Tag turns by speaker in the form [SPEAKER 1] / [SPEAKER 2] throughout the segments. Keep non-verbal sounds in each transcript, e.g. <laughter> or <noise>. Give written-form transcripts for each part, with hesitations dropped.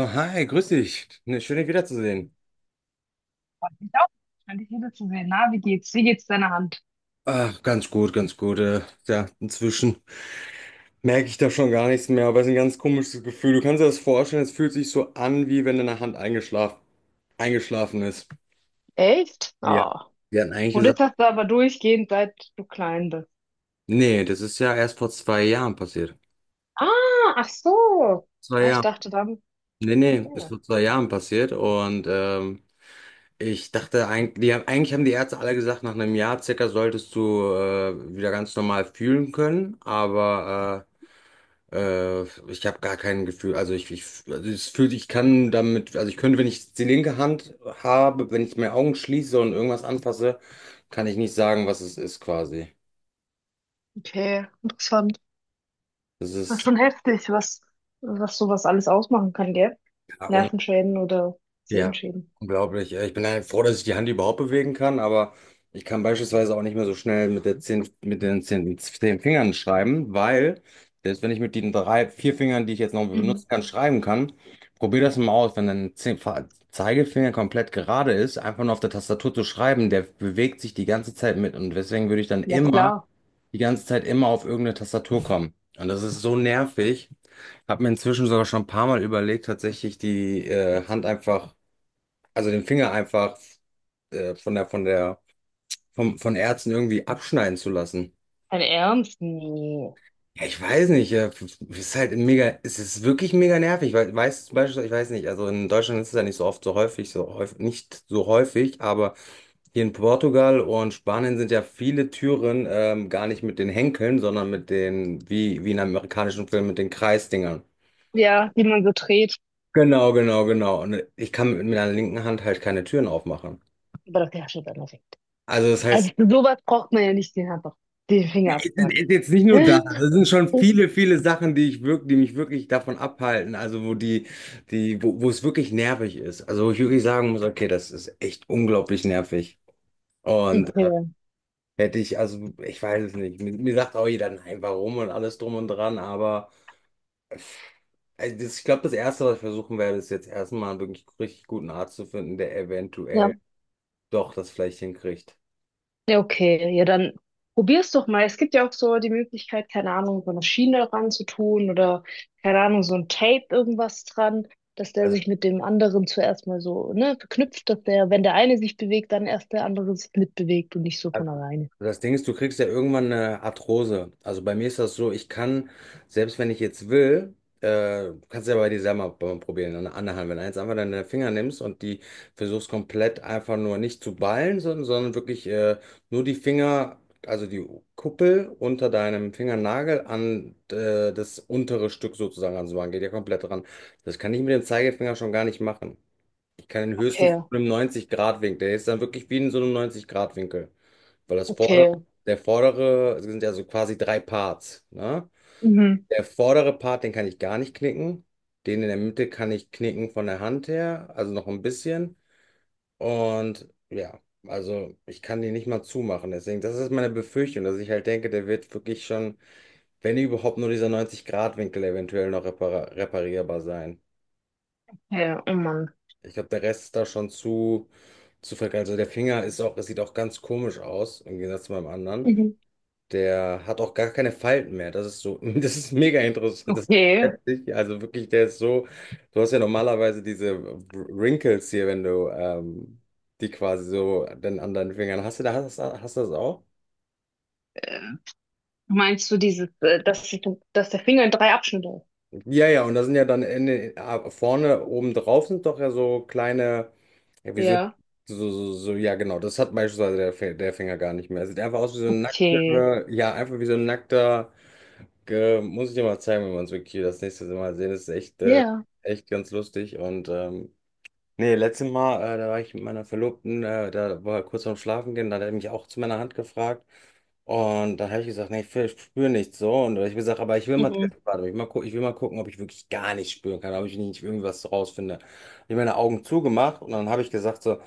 [SPEAKER 1] Oh, hi, grüß dich. Ne, schön, dich wiederzusehen.
[SPEAKER 2] Freut mich auch. Schön, dich wiederzusehen. Na, wie geht's? Wie geht's deiner Hand?
[SPEAKER 1] Ach, ganz gut, ganz gut. Ja, inzwischen merke ich da schon gar nichts mehr, aber es ist ein ganz komisches Gefühl. Du kannst dir das vorstellen, es fühlt sich so an, wie wenn deine Hand eingeschlafen ist.
[SPEAKER 2] Echt?
[SPEAKER 1] Ja.
[SPEAKER 2] Oh.
[SPEAKER 1] Wir hatten eigentlich
[SPEAKER 2] Und das
[SPEAKER 1] gesagt,
[SPEAKER 2] hast du aber durchgehend, seit du klein bist.
[SPEAKER 1] nee, das ist ja erst vor 2 Jahren passiert.
[SPEAKER 2] Ah, ach so.
[SPEAKER 1] Zwei
[SPEAKER 2] Ah, ich
[SPEAKER 1] Jahre.
[SPEAKER 2] dachte dann,
[SPEAKER 1] Nee, nee, ist
[SPEAKER 2] ja,
[SPEAKER 1] vor 2 Jahren passiert und ich dachte eigentlich, eigentlich haben die Ärzte alle gesagt, nach einem Jahr circa solltest du wieder ganz normal fühlen können, aber Äh, ich habe gar kein Gefühl, also also es fühlt, ich kann damit, also ich könnte, wenn ich die linke Hand habe, wenn ich meine Augen schließe und irgendwas anfasse, kann ich nicht sagen, was es ist quasi.
[SPEAKER 2] okay, interessant.
[SPEAKER 1] Das
[SPEAKER 2] Ah,
[SPEAKER 1] ist
[SPEAKER 2] schon heftig, was sowas alles ausmachen kann, gell?
[SPEAKER 1] ja.
[SPEAKER 2] Nervenschäden oder
[SPEAKER 1] Ja,
[SPEAKER 2] Sehenschäden.
[SPEAKER 1] unglaublich. Ich bin ja froh, dass ich die Hand überhaupt bewegen kann, aber ich kann beispielsweise auch nicht mehr so schnell mit den zehn Fingern schreiben, weil selbst wenn ich mit den drei, vier Fingern, die ich jetzt noch
[SPEAKER 2] Mhm.
[SPEAKER 1] benutzen kann, schreiben kann, probier das mal aus. Wenn dein Zeigefinger komplett gerade ist, einfach nur auf der Tastatur zu schreiben, der bewegt sich die ganze Zeit mit, und deswegen würde ich dann
[SPEAKER 2] Ja,
[SPEAKER 1] immer,
[SPEAKER 2] klar.
[SPEAKER 1] die ganze Zeit, immer auf irgendeine Tastatur kommen. Und das ist so nervig. Habe mir inzwischen sogar schon ein paar Mal überlegt, tatsächlich die Hand einfach, also den Finger einfach, äh, von der, von der, von Ärzten irgendwie abschneiden zu lassen.
[SPEAKER 2] Ein Ernst? Nee.
[SPEAKER 1] Ja, ich weiß nicht, ist halt mega, es ist wirklich mega nervig, weil, weißt zum Beispiel, ich weiß nicht, also in Deutschland ist es ja nicht so oft, nicht so häufig, aber hier in Portugal und Spanien sind ja viele Türen gar nicht mit den Henkeln, sondern mit den, wie in amerikanischen Filmen, mit den Kreisdingern.
[SPEAKER 2] Ja, die man so dreht.
[SPEAKER 1] Genau, genau, genau. Und ich kann mit meiner linken Hand halt keine Türen aufmachen.
[SPEAKER 2] Aber das ist ja dann weg.
[SPEAKER 1] Also das
[SPEAKER 2] Also
[SPEAKER 1] heißt,
[SPEAKER 2] für sowas braucht man ja nicht den Finger absacken.
[SPEAKER 1] jetzt nicht nur das, das
[SPEAKER 2] <laughs>
[SPEAKER 1] sind schon viele, viele Sachen, die ich wirklich, die mich wirklich davon abhalten, also wo wo es wirklich nervig ist. Also wo ich wirklich sagen muss, okay, das ist echt unglaublich nervig. Und äh,
[SPEAKER 2] Okay.
[SPEAKER 1] hätte ich, also ich weiß es nicht. Mir, mir sagt auch jeder, nein, warum und alles drum und dran, aber ich glaube, das Erste, was ich versuchen werde, ist jetzt erstmal einen wirklich richtig guten Arzt zu finden, der
[SPEAKER 2] Ja.
[SPEAKER 1] eventuell doch das vielleicht hinkriegt.
[SPEAKER 2] Ja, okay. Ja, dann probier's doch mal. Es gibt ja auch so die Möglichkeit, keine Ahnung, so eine Schiene dran zu tun oder, keine Ahnung, so ein Tape irgendwas dran, dass der sich mit dem anderen zuerst mal so, ne, verknüpft, dass der, wenn der eine sich bewegt, dann erst der andere sich mitbewegt und nicht so
[SPEAKER 1] Also,
[SPEAKER 2] von alleine.
[SPEAKER 1] das Ding ist, du kriegst ja irgendwann eine Arthrose. Also bei mir ist das so, ich kann, selbst wenn ich jetzt will, kannst du ja bei dir selber mal probieren, an der anderen Hand. Wenn du jetzt einfach deine Finger nimmst und die versuchst komplett einfach nur nicht zu ballen, sondern wirklich nur die Finger, also die Kuppel unter deinem Fingernagel an das untere Stück sozusagen ranzumachen, geht ja komplett ran. Das kann ich mit dem Zeigefinger schon gar nicht machen. Ich kann ihn höchstens
[SPEAKER 2] Okay,
[SPEAKER 1] mit einem 90-Grad-Winkel. Der ist dann wirklich wie in so einem 90-Grad-Winkel. Weil das vordere,
[SPEAKER 2] okay.
[SPEAKER 1] der vordere, es sind ja so quasi drei Parts, ne?
[SPEAKER 2] Mhm.
[SPEAKER 1] Der vordere Part, den kann ich gar nicht knicken. Den in der Mitte kann ich knicken von der Hand her, also noch ein bisschen. Und ja, also ich kann den nicht mal zumachen. Deswegen, das ist meine Befürchtung, dass ich halt denke, der wird wirklich schon, wenn überhaupt, nur dieser 90-Grad-Winkel eventuell noch repara reparierbar sein.
[SPEAKER 2] Ja, oh Mann.
[SPEAKER 1] Ich glaube, der Rest ist da schon zu. Also der Finger ist auch, es sieht auch ganz komisch aus, im Gegensatz zu meinem anderen.
[SPEAKER 2] Mhm.
[SPEAKER 1] Der hat auch gar keine Falten mehr. Das ist so, <laughs> das ist mega interessant. Das ist
[SPEAKER 2] Okay.
[SPEAKER 1] heftig. Also wirklich, der ist so, du hast ja normalerweise diese Wrinkles hier, wenn du die quasi so dann an deinen Fingern hast. Hast du das auch?
[SPEAKER 2] Meinst du dieses, dass der Finger in drei Abschnitte ist?
[SPEAKER 1] Ja, ja, und da sind ja dann in, vorne oben drauf sind doch ja so kleine, ja, wie so,
[SPEAKER 2] Ja.
[SPEAKER 1] so, so, so, ja, genau, das hat beispielsweise der Finger gar nicht mehr. Er sieht einfach aus wie so ein
[SPEAKER 2] Okay.
[SPEAKER 1] nackter, ja, einfach wie so ein nackter, muss ich dir mal zeigen, wenn wir uns wirklich das nächste Mal sehen. Das ist
[SPEAKER 2] Ja.
[SPEAKER 1] echt ganz lustig und nee, letztes Mal, da war ich mit meiner Verlobten, da war kurz vorm Schlafen gehen, da hat er mich auch zu meiner Hand gefragt. Und da habe ich gesagt, nee, spüre nichts so. Und ich hab gesagt, aber ich will mal
[SPEAKER 2] Mhm.
[SPEAKER 1] testen, warte, ich will mal, ich will mal gucken, ob ich wirklich gar nicht spüren kann, ob ich nicht irgendwas rausfinde. Ich habe meine Augen zugemacht und dann habe ich gesagt so,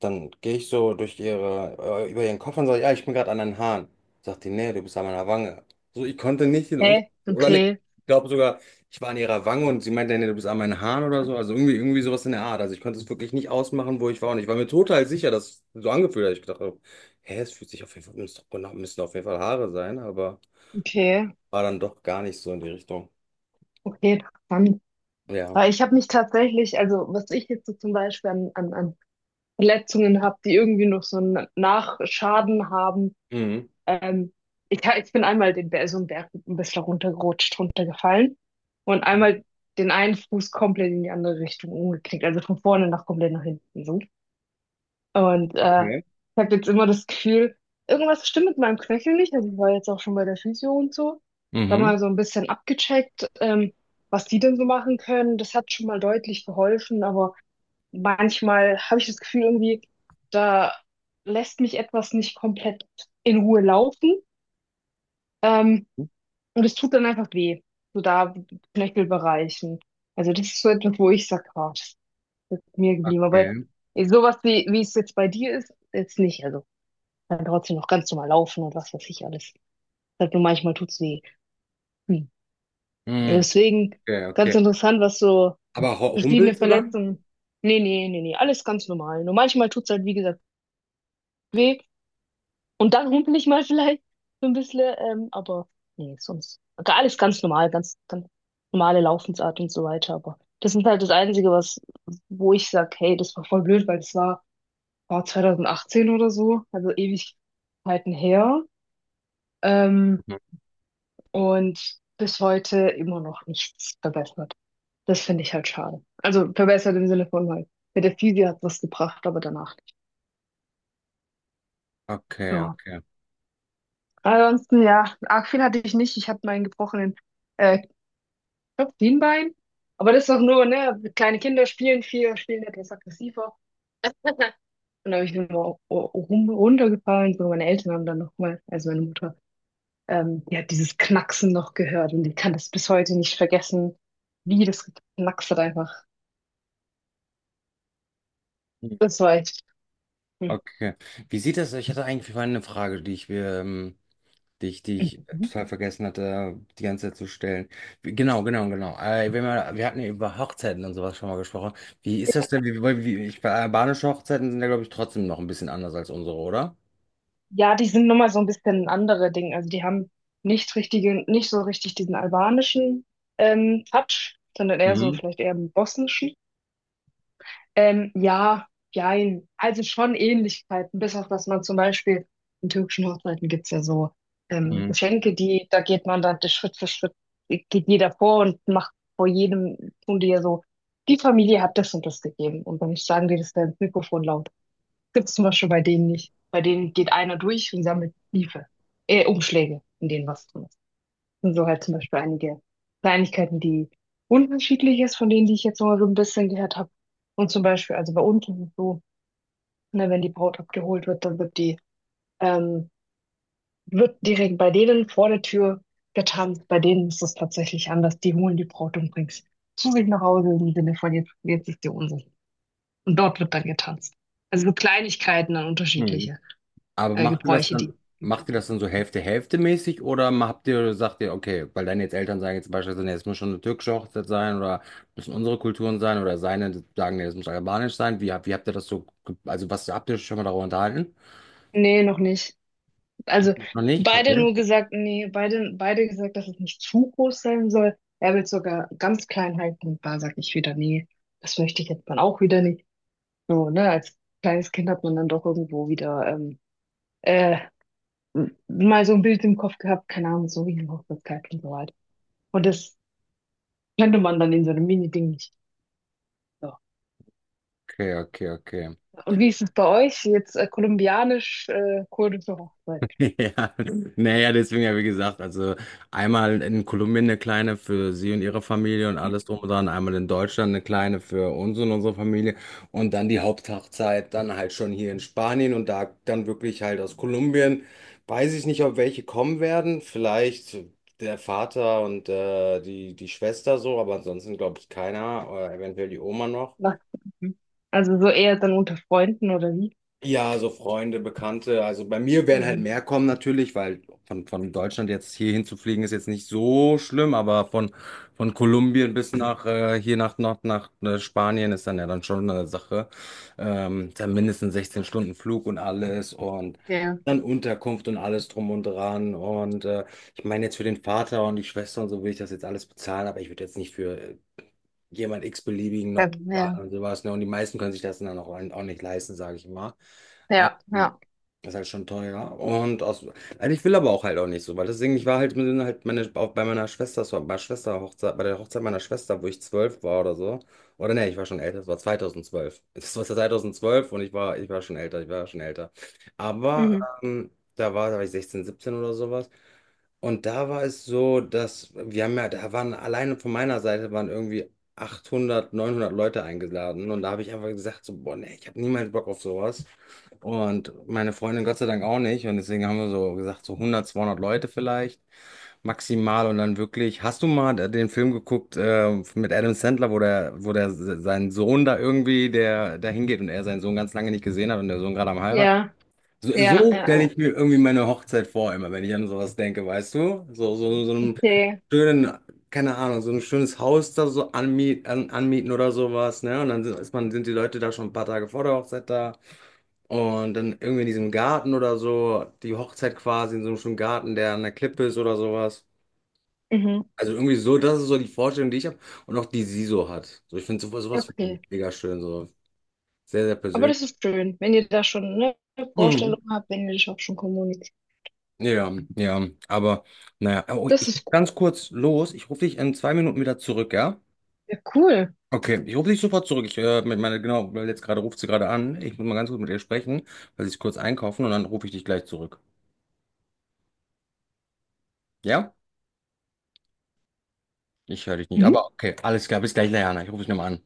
[SPEAKER 1] dann gehe ich so durch über ihren Kopf und sage, ja, ich bin gerade an den Haaren. Sagt die, nee, du bist an meiner Wange. So, ich konnte nicht den Unterschied,
[SPEAKER 2] Hä? Okay.
[SPEAKER 1] ich glaube sogar. Ich war an ihrer Wange und sie meinte, nee, du bist an meinen Haaren oder so. Also irgendwie, irgendwie sowas in der Art. Also ich konnte es wirklich nicht ausmachen, wo ich war. Und ich war mir total sicher, dass es so angefühlt hat. Ich dachte, hä, es fühlt sich auf jeden Fall, müssen doch, genau, müssen auf jeden Fall Haare sein, aber
[SPEAKER 2] Okay.
[SPEAKER 1] war dann doch gar nicht so in die Richtung.
[SPEAKER 2] Okay, interessant.
[SPEAKER 1] Ja.
[SPEAKER 2] Aber ich habe mich tatsächlich, also was ich jetzt so zum Beispiel an Verletzungen habe, die irgendwie noch so einen Nachschaden haben.
[SPEAKER 1] Mhm.
[SPEAKER 2] Ähm, ich, ha- ich bin einmal so einen Berg ein bisschen runtergerutscht, runtergefallen, und
[SPEAKER 1] Mhm.
[SPEAKER 2] einmal den einen Fuß komplett in die andere Richtung umgeknickt, also von vorne nach komplett nach hinten so. Und
[SPEAKER 1] Okay.
[SPEAKER 2] ich habe jetzt immer das Gefühl, irgendwas stimmt mit meinem Knöchel nicht. Also ich war jetzt auch schon bei der Physio und so. Da
[SPEAKER 1] Mhm.
[SPEAKER 2] mal so ein bisschen abgecheckt, was die denn so machen können. Das hat schon mal deutlich geholfen, aber manchmal habe ich das Gefühl irgendwie, da lässt mich etwas nicht komplett in Ruhe laufen. Ähm, und es tut dann einfach weh, so da Knöchelbereichen. Also das ist so etwas, wo ich sage, oh, das ist mir geblieben. Aber
[SPEAKER 1] Okay.
[SPEAKER 2] sowas wie es jetzt bei dir ist, jetzt nicht. Also kann trotzdem noch ganz normal laufen und was weiß ich alles. Halt nur manchmal tut's weh. Hm.
[SPEAKER 1] Mhm.
[SPEAKER 2] Deswegen
[SPEAKER 1] Okay,
[SPEAKER 2] ganz
[SPEAKER 1] okay.
[SPEAKER 2] interessant, was so
[SPEAKER 1] Aber
[SPEAKER 2] verschiedene
[SPEAKER 1] humpelst du dann?
[SPEAKER 2] Verletzungen. Nee, nee, nee, nee, alles ganz normal. Nur manchmal tut's halt, wie gesagt, weh. Und dann humpel ich mal <laughs> vielleicht so ein bisschen, aber nee, sonst. Alles ganz normal, ganz, ganz normale Laufensart und so weiter. Aber das ist halt das Einzige, wo ich sag, hey, das war voll blöd, weil das war 2018 oder so, also Ewigkeiten her. Ähm,
[SPEAKER 1] Mhm.
[SPEAKER 2] und bis heute immer noch nichts verbessert. Das finde ich halt schade. Also verbessert im Sinne von halt, mit der Physio hat was gebracht, aber danach nicht.
[SPEAKER 1] Okay,
[SPEAKER 2] Ja.
[SPEAKER 1] okay.
[SPEAKER 2] Ansonsten, ja, arg viel hatte ich nicht. Ich hatte meinen gebrochenen äh, Kniebein. Aber das ist doch nur, ne? Kleine Kinder spielen viel, spielen etwas aggressiver. <laughs> Und da habe ich immer rum, runtergefallen. So, meine Eltern haben dann nochmal, also meine Mutter, die hat dieses Knacksen noch gehört und die kann das bis heute nicht vergessen, wie das geknackst hat einfach.
[SPEAKER 1] Mhm.
[SPEAKER 2] Das war echt. Hm.
[SPEAKER 1] Okay. Wie sieht das? Ich hatte eigentlich vorhin eine Frage, die ich mir, die ich
[SPEAKER 2] Mhm.
[SPEAKER 1] total vergessen hatte, die ganze Zeit zu stellen. Genau, genau, genau. Wenn wir, wir hatten ja über Hochzeiten und sowas schon mal gesprochen. Wie ist das denn? Albanische Hochzeiten sind ja, glaube ich, trotzdem noch ein bisschen anders als unsere, oder?
[SPEAKER 2] Ja, die sind nun mal so ein bisschen andere Dinge. Also, die haben nicht so richtig diesen albanischen, Touch, sondern eher so
[SPEAKER 1] Mhm.
[SPEAKER 2] vielleicht eher 'n bosnischen. Ja, jein. Also, schon Ähnlichkeiten, bis auf dass man zum Beispiel in türkischen Hochzeiten gibt's ja so,
[SPEAKER 1] Mhm.
[SPEAKER 2] Geschenke, die da geht man dann Schritt für Schritt geht jeder vor und macht vor jedem tun die ja so: „Die Familie hat das und das gegeben." Und dann sagen die das da ins Mikrofon laut. Gibt es zum Beispiel bei denen nicht. Bei denen geht einer durch und sammelt Briefe, Umschläge, in denen was drin ist. Und so halt zum Beispiel einige Kleinigkeiten, die unterschiedlich ist von denen, die ich jetzt noch mal so ein bisschen gehört habe. Und zum Beispiel, also bei uns ist es so, ne, wenn die Braut abgeholt wird, dann ähm, wird direkt bei denen vor der Tür getanzt. Bei denen ist es tatsächlich anders. Die holen die Braut und bringen sie zu sich nach Hause im Sinne von jetzt, jetzt ist die unsere. Und dort wird dann getanzt. Also so Kleinigkeiten dann
[SPEAKER 1] Mhm.
[SPEAKER 2] unterschiedliche,
[SPEAKER 1] Aber macht ihr das
[SPEAKER 2] Gebräuche, die
[SPEAKER 1] dann,
[SPEAKER 2] es gibt.
[SPEAKER 1] macht ihr das dann so Hälfte-Hälfte-mäßig oder habt ihr, sagt ihr, okay, weil deine jetzt Eltern sagen jetzt beispielsweise, nee, es muss schon eine türkische Hochzeit sein oder müssen unsere Kulturen sein oder seine sagen, nee, es muss albanisch sein. Wie, wie habt ihr das so, also was habt ihr euch schon mal darüber unterhalten?
[SPEAKER 2] Nee, noch nicht. Also
[SPEAKER 1] Noch nicht?
[SPEAKER 2] beide
[SPEAKER 1] Okay.
[SPEAKER 2] nur gesagt, nee, beide gesagt, dass es nicht zu groß sein soll. Er will es sogar ganz klein halten. Und da sag ich wieder, nee, das möchte ich jetzt dann auch wieder nicht. So, ne, als kleines Kind hat man dann doch irgendwo wieder äh, mal so ein Bild im Kopf gehabt, keine Ahnung, so wie eine Hochzeitskleid und so weiter. Und das könnte man dann in so einem Mini-Ding nicht. So.
[SPEAKER 1] Okay, okay, okay.
[SPEAKER 2] Und wie ist es bei euch? Jetzt kolumbianisch, kurdische Hochzeit.
[SPEAKER 1] <laughs> Ja, naja, deswegen ja, wie gesagt, also einmal in Kolumbien eine kleine für sie und ihre Familie und alles drum und dran, einmal in Deutschland eine kleine für uns und unsere Familie und dann die Haupthochzeit dann halt schon hier in Spanien und da dann wirklich halt aus Kolumbien. Weiß ich nicht, ob welche kommen werden, vielleicht der Vater und die Schwester so, aber ansonsten glaube ich keiner, oder eventuell die Oma noch.
[SPEAKER 2] Was? Mhm. Also so eher dann unter Freunden oder wie?
[SPEAKER 1] Ja, so Freunde, Bekannte. Also bei mir werden halt
[SPEAKER 2] Mhm.
[SPEAKER 1] mehr kommen natürlich, weil von Deutschland jetzt hier hinzufliegen ist jetzt nicht so schlimm, aber von Kolumbien bis nach Spanien ist dann ja dann schon eine Sache. Dann mindestens 16 Stunden Flug und alles und
[SPEAKER 2] Ja,
[SPEAKER 1] dann Unterkunft und alles drum und dran. Ich meine jetzt für den Vater und die Schwester und so will ich das jetzt alles bezahlen, aber ich würde jetzt nicht für jemand x-beliebigen
[SPEAKER 2] ja,
[SPEAKER 1] noch
[SPEAKER 2] ja,
[SPEAKER 1] zahlen und sowas, ne? Und die meisten können sich das dann auch nicht leisten, sage ich mal.
[SPEAKER 2] ja. Ja.
[SPEAKER 1] Das ist halt schon teuer. Also ich will aber auch halt auch nicht so, weil deswegen, ich war halt, mit, halt meine, auch bei meiner Schwester, bei meiner bei der Hochzeit meiner Schwester, wo ich 12 war oder so. Oder nee, ich war schon älter, das war 2012. <laughs> Das war 2012 und ich war, ich war schon älter. Aber
[SPEAKER 2] Mhm.
[SPEAKER 1] ähm, da war ich 16, 17 oder sowas. Und da war es so, dass wir haben ja, da waren alleine von meiner Seite waren irgendwie 800, 900 Leute eingeladen. Und da habe ich einfach gesagt, so, boah, nee, ich habe niemals Bock auf sowas. Und meine Freundin Gott sei Dank auch nicht. Und deswegen haben wir so gesagt, so 100, 200 Leute vielleicht maximal. Und dann wirklich, hast du mal den Film geguckt mit Adam Sandler, wo der sein Sohn da irgendwie, der da hingeht und er seinen Sohn ganz lange nicht gesehen hat und der Sohn gerade am heiraten?
[SPEAKER 2] Ja,
[SPEAKER 1] So,
[SPEAKER 2] ja, ja,
[SPEAKER 1] so stelle
[SPEAKER 2] ja.
[SPEAKER 1] ich mir irgendwie meine Hochzeit vor, immer, wenn ich an sowas denke, weißt du? So, so, so einen
[SPEAKER 2] Okay.
[SPEAKER 1] schönen, keine Ahnung, so ein schönes Haus da so anmieten oder sowas, ne? Und dann sind, ist man, sind die Leute da schon ein paar Tage vor der Hochzeit da. Und dann irgendwie in diesem Garten oder so, die Hochzeit quasi in so einem schönen Garten, der an der Klippe ist oder sowas.
[SPEAKER 2] Mhm.
[SPEAKER 1] Also irgendwie so, das ist so die Vorstellung, die ich habe und auch die sie so hat. So, ich finde sowas, sowas find ich
[SPEAKER 2] Okay.
[SPEAKER 1] mega schön, so sehr, sehr
[SPEAKER 2] Aber
[SPEAKER 1] persönlich.
[SPEAKER 2] das ist schön, wenn ihr da schon eine
[SPEAKER 1] Mhm.
[SPEAKER 2] Vorstellung habt, wenn ihr das auch schon kommuniziert.
[SPEAKER 1] Ja, ja, aber naja, oh,
[SPEAKER 2] Das
[SPEAKER 1] ich muss
[SPEAKER 2] ist gut.
[SPEAKER 1] ganz kurz los. Ich rufe dich in 2 Minuten wieder zurück, ja?
[SPEAKER 2] Ja, cool.
[SPEAKER 1] Okay, ich rufe dich sofort zurück. Genau, weil jetzt gerade ruft sie gerade an. Ich muss mal ganz kurz mit ihr sprechen, weil sie ist kurz einkaufen und dann rufe ich dich gleich zurück. Ja? Ich höre dich nicht, aber
[SPEAKER 2] Mhm.
[SPEAKER 1] okay, alles klar, bis gleich, Leanna. Ich rufe dich nochmal an.